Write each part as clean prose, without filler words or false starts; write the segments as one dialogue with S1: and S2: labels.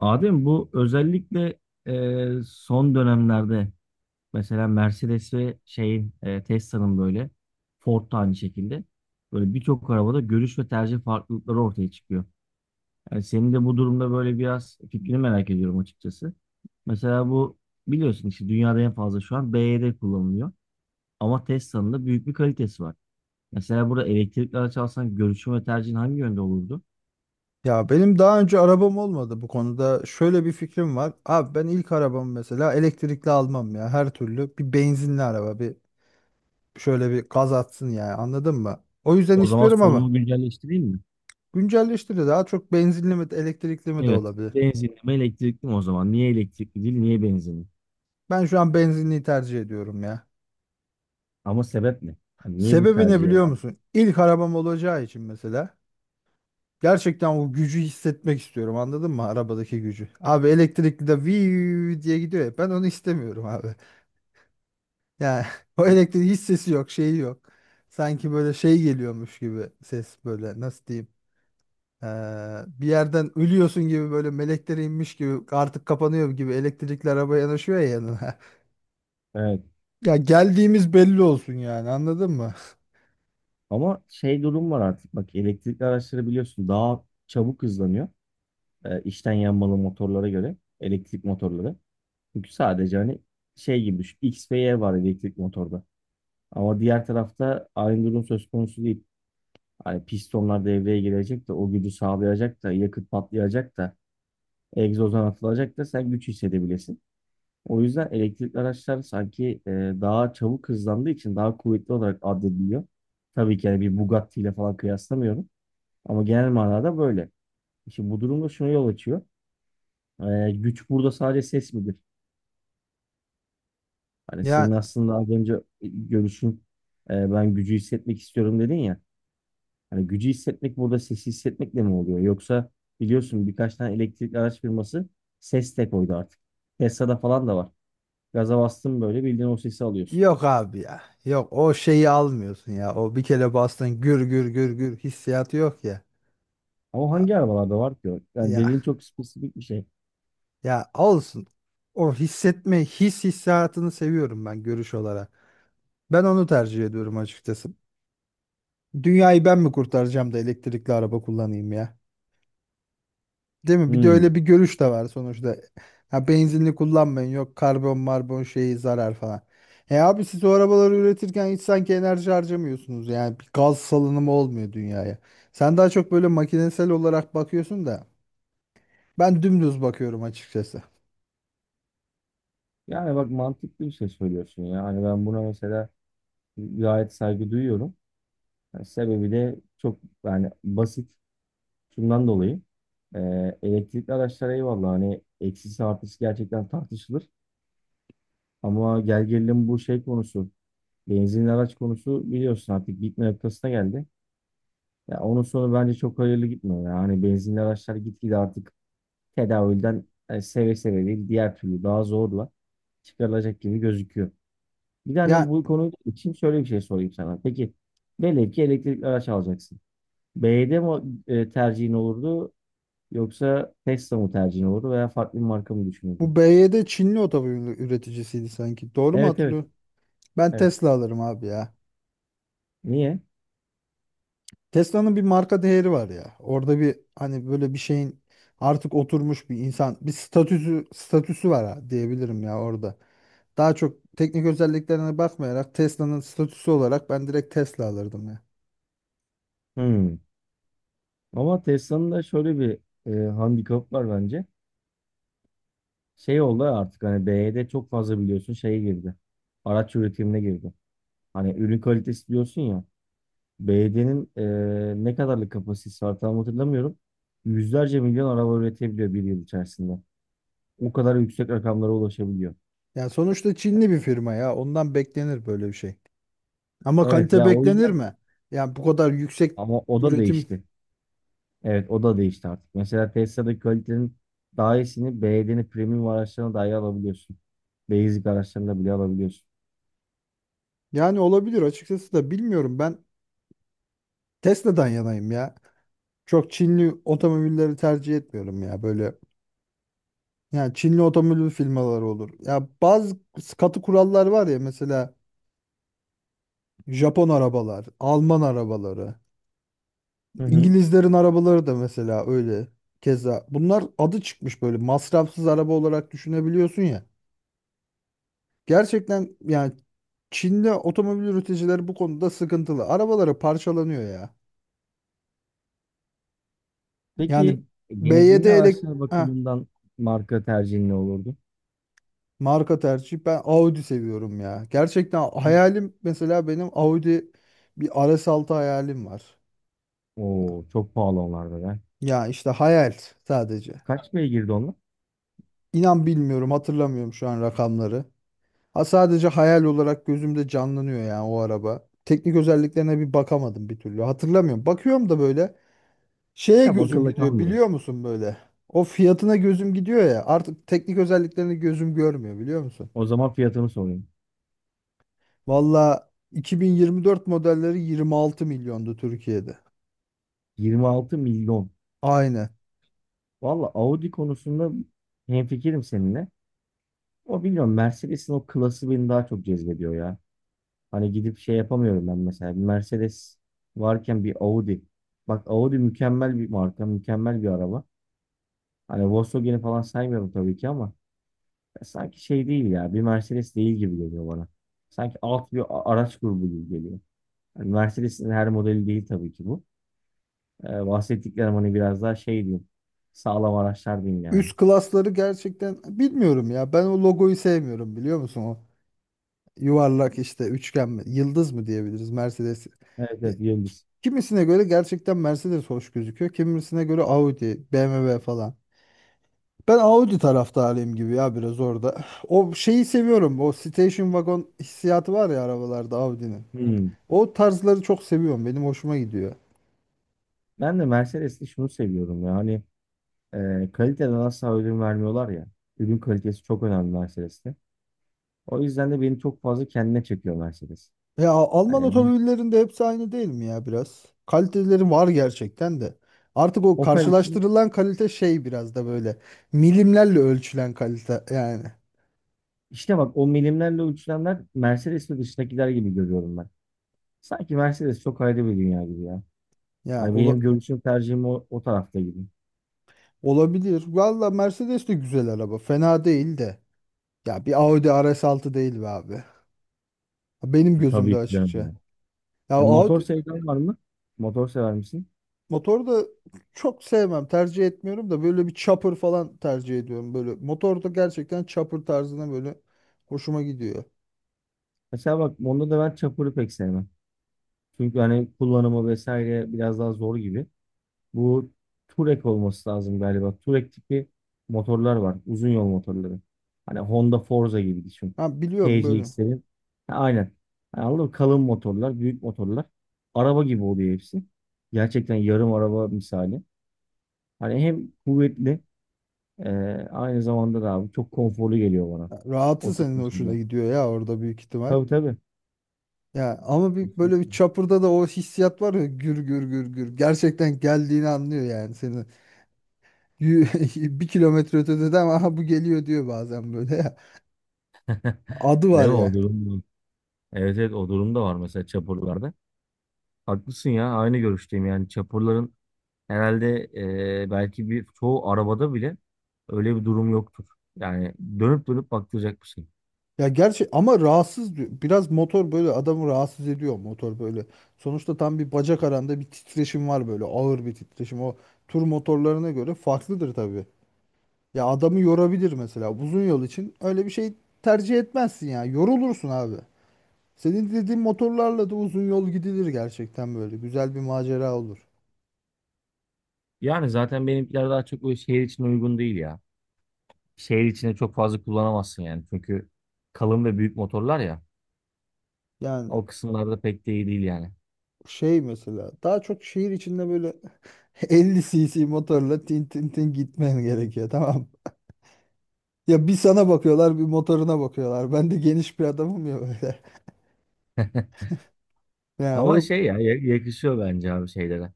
S1: Adem bu özellikle son dönemlerde mesela Mercedes ve şeyin Tesla'nın böyle Ford da aynı şekilde böyle birçok arabada görüş ve tercih farklılıkları ortaya çıkıyor. Yani senin de bu durumda böyle biraz fikrini merak ediyorum açıkçası. Mesela bu biliyorsun işte dünyada en fazla şu an BYD kullanılıyor. Ama Tesla'nın da büyük bir kalitesi var. Mesela burada elektrikli araç alsan görüşün ve tercihin hangi yönde olurdu?
S2: Ya benim daha önce arabam olmadı bu konuda. Şöyle bir fikrim var. Abi ben ilk arabamı mesela elektrikli almam ya. Her türlü bir benzinli araba bir şöyle bir gaz atsın, yani anladın mı? O yüzden
S1: O zaman
S2: istiyorum ama
S1: sorunu güncelleştireyim mi?
S2: güncelleştiri daha çok benzinli mi elektrikli mi de
S1: Evet.
S2: olabilir.
S1: Benzinli mi elektrikli mi o zaman? Niye elektrikli değil, niye benzinli?
S2: Ben şu an benzinliyi tercih ediyorum ya.
S1: Ama sebep ne? Yani niye bu
S2: Sebebi ne
S1: tercihe
S2: biliyor
S1: baktın?
S2: musun? İlk arabam olacağı için mesela gerçekten o gücü hissetmek istiyorum, anladın mı? Arabadaki gücü. Abi elektrikli de viii diye gidiyor ya, ben onu istemiyorum abi. Yani o elektriğin hiç sesi yok, şeyi yok. Sanki böyle şey geliyormuş gibi ses, böyle nasıl diyeyim? Ee, bir yerden ölüyorsun gibi, böyle melekler inmiş gibi, artık kapanıyor gibi elektrikli araba yanaşıyor ya yanına.
S1: Evet.
S2: Ya geldiğimiz belli olsun yani, anladın mı?
S1: Ama şey durum var artık. Bak elektrikli araçları biliyorsun daha çabuk hızlanıyor. E, içten yanmalı motorlara göre. Elektrik motorları. Çünkü sadece hani şey gibi düşün. X ve Y var elektrik motorda. Ama diğer tarafta aynı durum söz konusu değil. Hani pistonlar devreye girecek de o gücü sağlayacak da yakıt patlayacak da egzozdan atılacak da sen güç hissedebilirsin. O yüzden elektrikli araçlar sanki daha çabuk hızlandığı için daha kuvvetli olarak addediliyor. Tabii ki yani bir Bugatti ile falan kıyaslamıyorum. Ama genel manada böyle. Şimdi bu durumda şuna yol açıyor. Güç burada sadece ses midir? Hani senin
S2: Ya
S1: aslında az önce görüşün ben gücü hissetmek istiyorum dedin ya. Hani gücü hissetmek burada sesi hissetmekle mi oluyor? Yoksa biliyorsun birkaç tane elektrikli araç firması ses de koydu artık. Tesla'da falan da var. Gaza bastın böyle bildiğin o sesi alıyorsun.
S2: yok abi ya. Yok, o şeyi almıyorsun ya. O bir kere bastın, gür gür gür gür hissiyatı yok ya.
S1: Ama
S2: A-
S1: hangi arabalarda var ki o? Yani
S2: Ya
S1: dediğin çok spesifik bir şey.
S2: ya olsun. O hissetme hissiyatını seviyorum ben, görüş olarak. Ben onu tercih ediyorum açıkçası. Dünyayı ben mi kurtaracağım da elektrikli araba kullanayım ya? Değil mi? Bir de
S1: Hmm.
S2: öyle bir görüş de var sonuçta. Ha, benzinli kullanmayın, yok karbon marbon şeyi zarar falan. E abi, siz o arabaları üretirken hiç sanki enerji harcamıyorsunuz. Yani bir gaz salınımı olmuyor dünyaya. Sen daha çok böyle makinesel olarak bakıyorsun da ben dümdüz bakıyorum açıkçası.
S1: Yani bak mantıklı bir şey söylüyorsun ya. Hani ben buna mesela gayet saygı duyuyorum. Yani sebebi de çok yani basit. Şundan dolayı. Elektrikli araçlara eyvallah hani eksisi artısı gerçekten tartışılır. Ama gel gelelim bu şey konusu. Benzinli araç konusu biliyorsun artık bitme noktasına geldi. Ya onun sonu bence çok hayırlı gitmiyor. Yani hani benzinli araçlar gitgide artık tedavülden yani seve seve değil diğer türlü daha zorla çıkarılacak gibi gözüküyor. Bir de hani
S2: Ya,
S1: bu konu için şöyle bir şey sorayım sana. Peki velev ki elektrikli araç alacaksın. BYD mi tercihin olurdu yoksa Tesla mı tercihin olurdu veya farklı bir marka mı
S2: bu
S1: düşünürdün?
S2: BYD Çinli otomobil üreticisiydi sanki. Doğru mu
S1: Evet, evet.
S2: hatırlıyorum? Ben
S1: Evet.
S2: Tesla alırım abi ya.
S1: Niye?
S2: Tesla'nın bir marka değeri var ya. Orada bir, hani böyle bir şeyin artık oturmuş bir insan, bir statüsü var ha, diyebilirim ya orada. Daha çok teknik özelliklerine bakmayarak Tesla'nın statüsü olarak ben direkt Tesla alırdım ya.
S1: Hmm. Ama Tesla'nın da şöyle bir handikap var bence. Şey oldu artık hani BYD çok fazla biliyorsun şeye girdi. Araç üretimine girdi. Hani ürün kalitesi diyorsun ya. Belediyenin ne kadarlık kapasitesi var tam hatırlamıyorum. Yüzlerce milyon araba üretebiliyor bir yıl içerisinde. O kadar yüksek rakamlara ulaşabiliyor.
S2: Yani sonuçta Çinli bir firma ya. Ondan beklenir böyle bir şey. Ama
S1: Evet
S2: kalite
S1: ya o
S2: beklenir
S1: yüzden
S2: mi? Yani bu kadar yüksek
S1: ama o da
S2: üretim,
S1: değişti. Evet o da değişti artık. Mesela Tesla'daki kalitenin daha iyisini belediyenin premium araçlarına dahi alabiliyorsun. Basic araçlarına bile alabiliyorsun.
S2: yani olabilir açıkçası da bilmiyorum, ben Tesla'dan yanayım ya. Çok Çinli otomobilleri tercih etmiyorum ya böyle. Yani Çinli otomobil firmaları olur. Ya bazı katı kurallar var ya, mesela Japon arabalar, Alman arabaları,
S1: Hı hı.
S2: İngilizlerin arabaları da mesela öyle. Keza bunlar adı çıkmış böyle masrafsız araba olarak düşünebiliyorsun ya. Gerçekten yani Çin'de otomobil üreticileri bu konuda sıkıntılı. Arabaları parçalanıyor ya.
S1: Peki
S2: Yani BYD
S1: benzinli araçlar
S2: Heh,
S1: bakımından marka tercihin ne olurdu?
S2: marka tercih ben Audi seviyorum ya. Gerçekten
S1: Ne?
S2: hayalim mesela, benim Audi bir RS6 hayalim var.
S1: Oo çok pahalı onlar da ya.
S2: Ya işte hayal sadece.
S1: Kaç beygirdi onlar?
S2: İnan bilmiyorum, hatırlamıyorum şu an rakamları. Ha, sadece hayal olarak gözümde canlanıyor yani o araba. Teknik özelliklerine bir bakamadım bir türlü. Hatırlamıyorum. Bakıyorum da böyle şeye
S1: Ya
S2: gözüm
S1: akılda
S2: gidiyor
S1: kalmıyor.
S2: biliyor musun böyle? O fiyatına gözüm gidiyor ya. Artık teknik özelliklerini gözüm görmüyor biliyor musun?
S1: O zaman fiyatını sorayım.
S2: Valla 2024 modelleri 26 milyondu Türkiye'de.
S1: 26 milyon.
S2: Aynen.
S1: Valla Audi konusunda hemfikirim seninle. O bilmiyorum Mercedes'in o klası beni daha çok cezbediyor ya. Hani gidip şey yapamıyorum ben mesela. Bir Mercedes varken bir Audi. Bak Audi mükemmel bir marka, mükemmel bir araba. Hani Volkswagen'i falan saymıyorum tabii ki ama ya sanki şey değil ya. Bir Mercedes değil gibi geliyor bana. Sanki alt bir araç grubu gibi geliyor. Yani Mercedes'in her modeli değil tabii ki bu. Bahsettiklerim hani biraz daha şey diyeyim. Sağlam araçlar diyeyim yani.
S2: Üst klasları gerçekten bilmiyorum ya. Ben o logoyu sevmiyorum biliyor musun? O yuvarlak işte, üçgen mi, yıldız mı diyebiliriz Mercedes.
S1: Evet,
S2: Ya,
S1: evet.
S2: ki-
S1: Yıldız.
S2: kimisine göre gerçekten Mercedes hoş gözüküyor. Kimisine göre Audi, BMW falan. Ben Audi taraftarıyım gibi ya biraz orada. O şeyi seviyorum. O station wagon hissiyatı var ya arabalarda, Audi'nin.
S1: Hmm.
S2: O tarzları çok seviyorum. Benim hoşuma gidiyor.
S1: Ben de Mercedes'te şunu seviyorum ya. Hani kaliteden asla ödün vermiyorlar ya. Ürün kalitesi çok önemli Mercedes'te. O yüzden de beni çok fazla kendine çekiyor Mercedes.
S2: Ya Alman
S1: Hani
S2: otomobillerinin de hepsi aynı değil mi ya biraz? Kaliteleri var gerçekten de. Artık o
S1: Opel için
S2: karşılaştırılan kalite şey biraz da böyle milimlerle ölçülen kalite yani.
S1: işte bak o milimlerle ölçülenler Mercedes ve dışındakiler gibi görüyorum ben. Sanki Mercedes çok ayrı bir dünya gibi ya.
S2: Ya
S1: Hani benim görüşüm tercihim o tarafta gibi.
S2: olabilir. Valla Mercedes de güzel araba. Fena değil de. Ya bir Audi RS6 değil be abi. Benim gözümde
S1: Tabii ki canım
S2: açıkça.
S1: ya.
S2: Ya
S1: Motor
S2: Audi
S1: sevdan var mı? Motor sever misin?
S2: motoru da çok sevmem. Tercih etmiyorum da, böyle bir chopper falan tercih ediyorum. Böyle motor da gerçekten chopper tarzına böyle hoşuma gidiyor.
S1: Mesela bak onda da ben çapuru pek sevmem. Çünkü hani kullanımı vesaire biraz daha zor gibi. Bu Touareg olması lazım galiba. Touareg tipi motorlar var. Uzun yol motorları. Hani Honda Forza gibi düşün.
S2: Ha, biliyorum böyle.
S1: TCX'lerin. Ha, aynen. Yani anladın mı? Kalın motorlar, büyük motorlar. Araba gibi oluyor hepsi. Gerçekten yarım araba misali. Hani hem kuvvetli e, aynı zamanda da abi çok konforlu geliyor bana.
S2: Ya,
S1: O
S2: rahatı
S1: tip
S2: senin hoşuna
S1: motorlar.
S2: gidiyor ya orada, büyük ihtimal.
S1: Tabii, tabii.
S2: Ya ama bir böyle bir
S1: Kesinlikle.
S2: chopper'da da o hissiyat var ya, gür gür gür gür. Gerçekten geldiğini anlıyor yani seni. Bir kilometre ötede de ama aha bu geliyor diyor bazen böyle. Ya, adı
S1: Değil
S2: var
S1: mi
S2: ya.
S1: o durum? Evet, evet, o durum da var mesela çapurlarda. Haklısın ya aynı görüşteyim yani çapurların herhalde belki bir çoğu arabada bile öyle bir durum yoktur. Yani dönüp dönüp baktıracak bir şey.
S2: Ya gerçi ama rahatsız diyor. Biraz motor böyle adamı rahatsız ediyor motor böyle. Sonuçta tam bir bacak aranda bir titreşim var, böyle ağır bir titreşim. O tur motorlarına göre farklıdır tabii. Ya adamı yorabilir, mesela uzun yol için öyle bir şey tercih etmezsin ya. Yorulursun abi. Senin dediğin motorlarla da uzun yol gidilir gerçekten böyle. Güzel bir macera olur.
S1: Yani zaten benimkiler daha çok o şehir için uygun değil ya. Şehir içine çok fazla kullanamazsın yani çünkü kalın ve büyük motorlar ya
S2: Yani
S1: o kısımlarda pek de iyi değil yani.
S2: şey mesela daha çok şehir içinde böyle 50 cc motorla tin tin tin gitmen gerekiyor, tamam mı? Ya bir sana bakıyorlar bir motoruna bakıyorlar. Ben de geniş bir adamım ya böyle. Yani
S1: Ama
S2: o
S1: şey ya yakışıyor bence abi şeylere.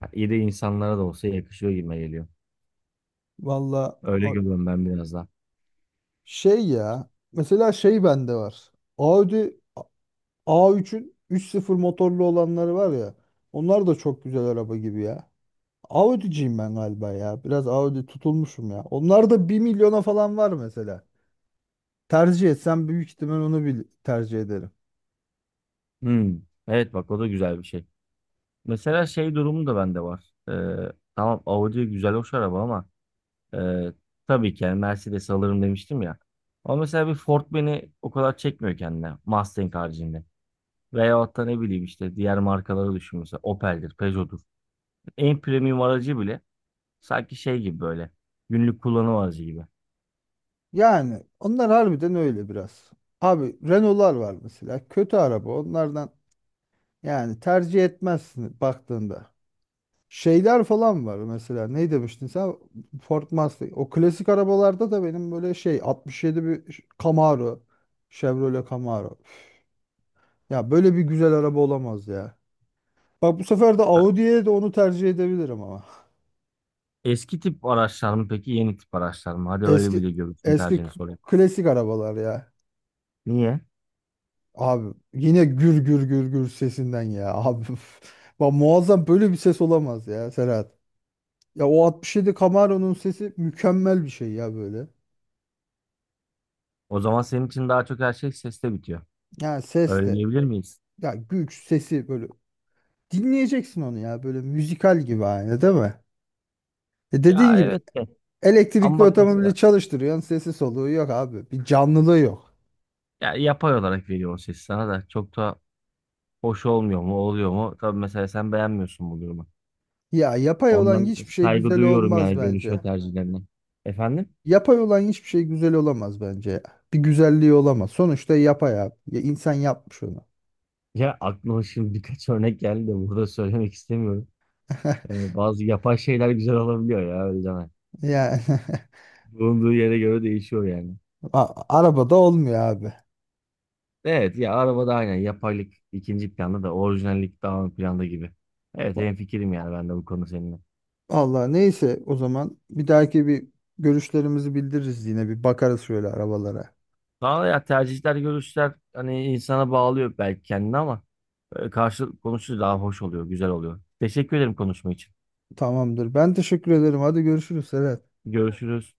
S1: Ha, İyi de insanlara da olsa yakışıyor gibime geliyor.
S2: valla
S1: Öyle görüyorum ben biraz daha.
S2: şey ya, mesela şey bende var. Audi A3'ün 3.0 motorlu olanları var ya. Onlar da çok güzel araba gibi ya. Audi'ciyim ben galiba ya. Biraz Audi tutulmuşum ya. Onlar da bir milyona falan var mesela. Tercih etsem büyük ihtimal onu bir tercih ederim.
S1: Hmm. Evet bak o da güzel bir şey. Mesela şey durumu da bende var. Tamam Audi güzel hoş araba ama e, tabii ki yani Mercedes alırım demiştim ya. Ama mesela bir Ford beni o kadar çekmiyor kendine Mustang haricinde. Veyahut da ne bileyim işte diğer markaları düşün mesela Opel'dir, Peugeot'dur. En premium aracı bile sanki şey gibi böyle günlük kullanım aracı gibi.
S2: Yani onlar harbiden öyle biraz. Abi Renault'lar var mesela. Kötü araba. Onlardan yani tercih etmezsin baktığında. Şeyler falan var mesela. Ne demiştin sen? Ford Mustang. O klasik arabalarda da benim böyle şey 67 bir Camaro. Chevrolet Camaro. Üf. Ya böyle bir güzel araba olamaz ya. Bak, bu sefer de
S1: Ha,
S2: Audi'ye de onu tercih edebilirim ama.
S1: eski tip araçlar mı peki yeni tip araçlar mı? Hadi öyle
S2: Eski
S1: bir de görüntünü
S2: eski
S1: tercihini
S2: k-
S1: sorayım.
S2: klasik arabalar ya.
S1: Niye?
S2: Abi yine gür gür gür gür sesinden ya abi. Bak muazzam böyle bir ses olamaz ya Serhat. Ya, o 67 Camaro'nun sesi mükemmel bir şey ya böyle.
S1: O zaman senin için daha çok her şey seste bitiyor.
S2: Yani ses
S1: Öyle
S2: de,
S1: diyebilir miyiz?
S2: ya güç sesi böyle dinleyeceksin onu ya, böyle müzikal gibi aynı değil mi? E
S1: Ya
S2: dediğin gibi
S1: evet. Ama
S2: elektrikli
S1: bak mesela
S2: otomobili çalıştırıyorsun, sesi soluğu yok abi. Bir canlılığı yok.
S1: ya yapay olarak veriyor o ses sana da çok da hoş olmuyor mu oluyor mu? Tabii mesela sen beğenmiyorsun bu durumu.
S2: Ya yapay olan
S1: Ondan
S2: hiçbir şey
S1: saygı
S2: güzel
S1: duyuyorum
S2: olmaz
S1: yani görüş
S2: bence.
S1: ve tercihlerine. Efendim?
S2: Yapay olan hiçbir şey güzel olamaz bence ya. Bir güzelliği olamaz. Sonuçta yapay abi. Ya insan yapmış onu.
S1: Ya aklıma şimdi birkaç örnek geldi de burada söylemek istemiyorum. Bazı yapay şeyler güzel olabiliyor ya öyle deme.
S2: Yani
S1: Bulunduğu yere göre değişiyor yani.
S2: arabada olmuyor abi.
S1: Evet ya arabada aynen yapaylık ikinci planda da orijinallik daha ön planda gibi. Evet hemfikirim yani ben de bu konu seninle.
S2: Allah neyse, o zaman bir dahaki bir görüşlerimizi bildiririz, yine bir bakarız şöyle arabalara.
S1: Daha ya tercihler, görüşler hani insana bağlıyor belki kendini ama karşı konuşunca daha hoş oluyor, güzel oluyor. Teşekkür ederim konuşma için.
S2: Tamamdır. Ben teşekkür ederim. Hadi görüşürüz Serhat.
S1: Görüşürüz.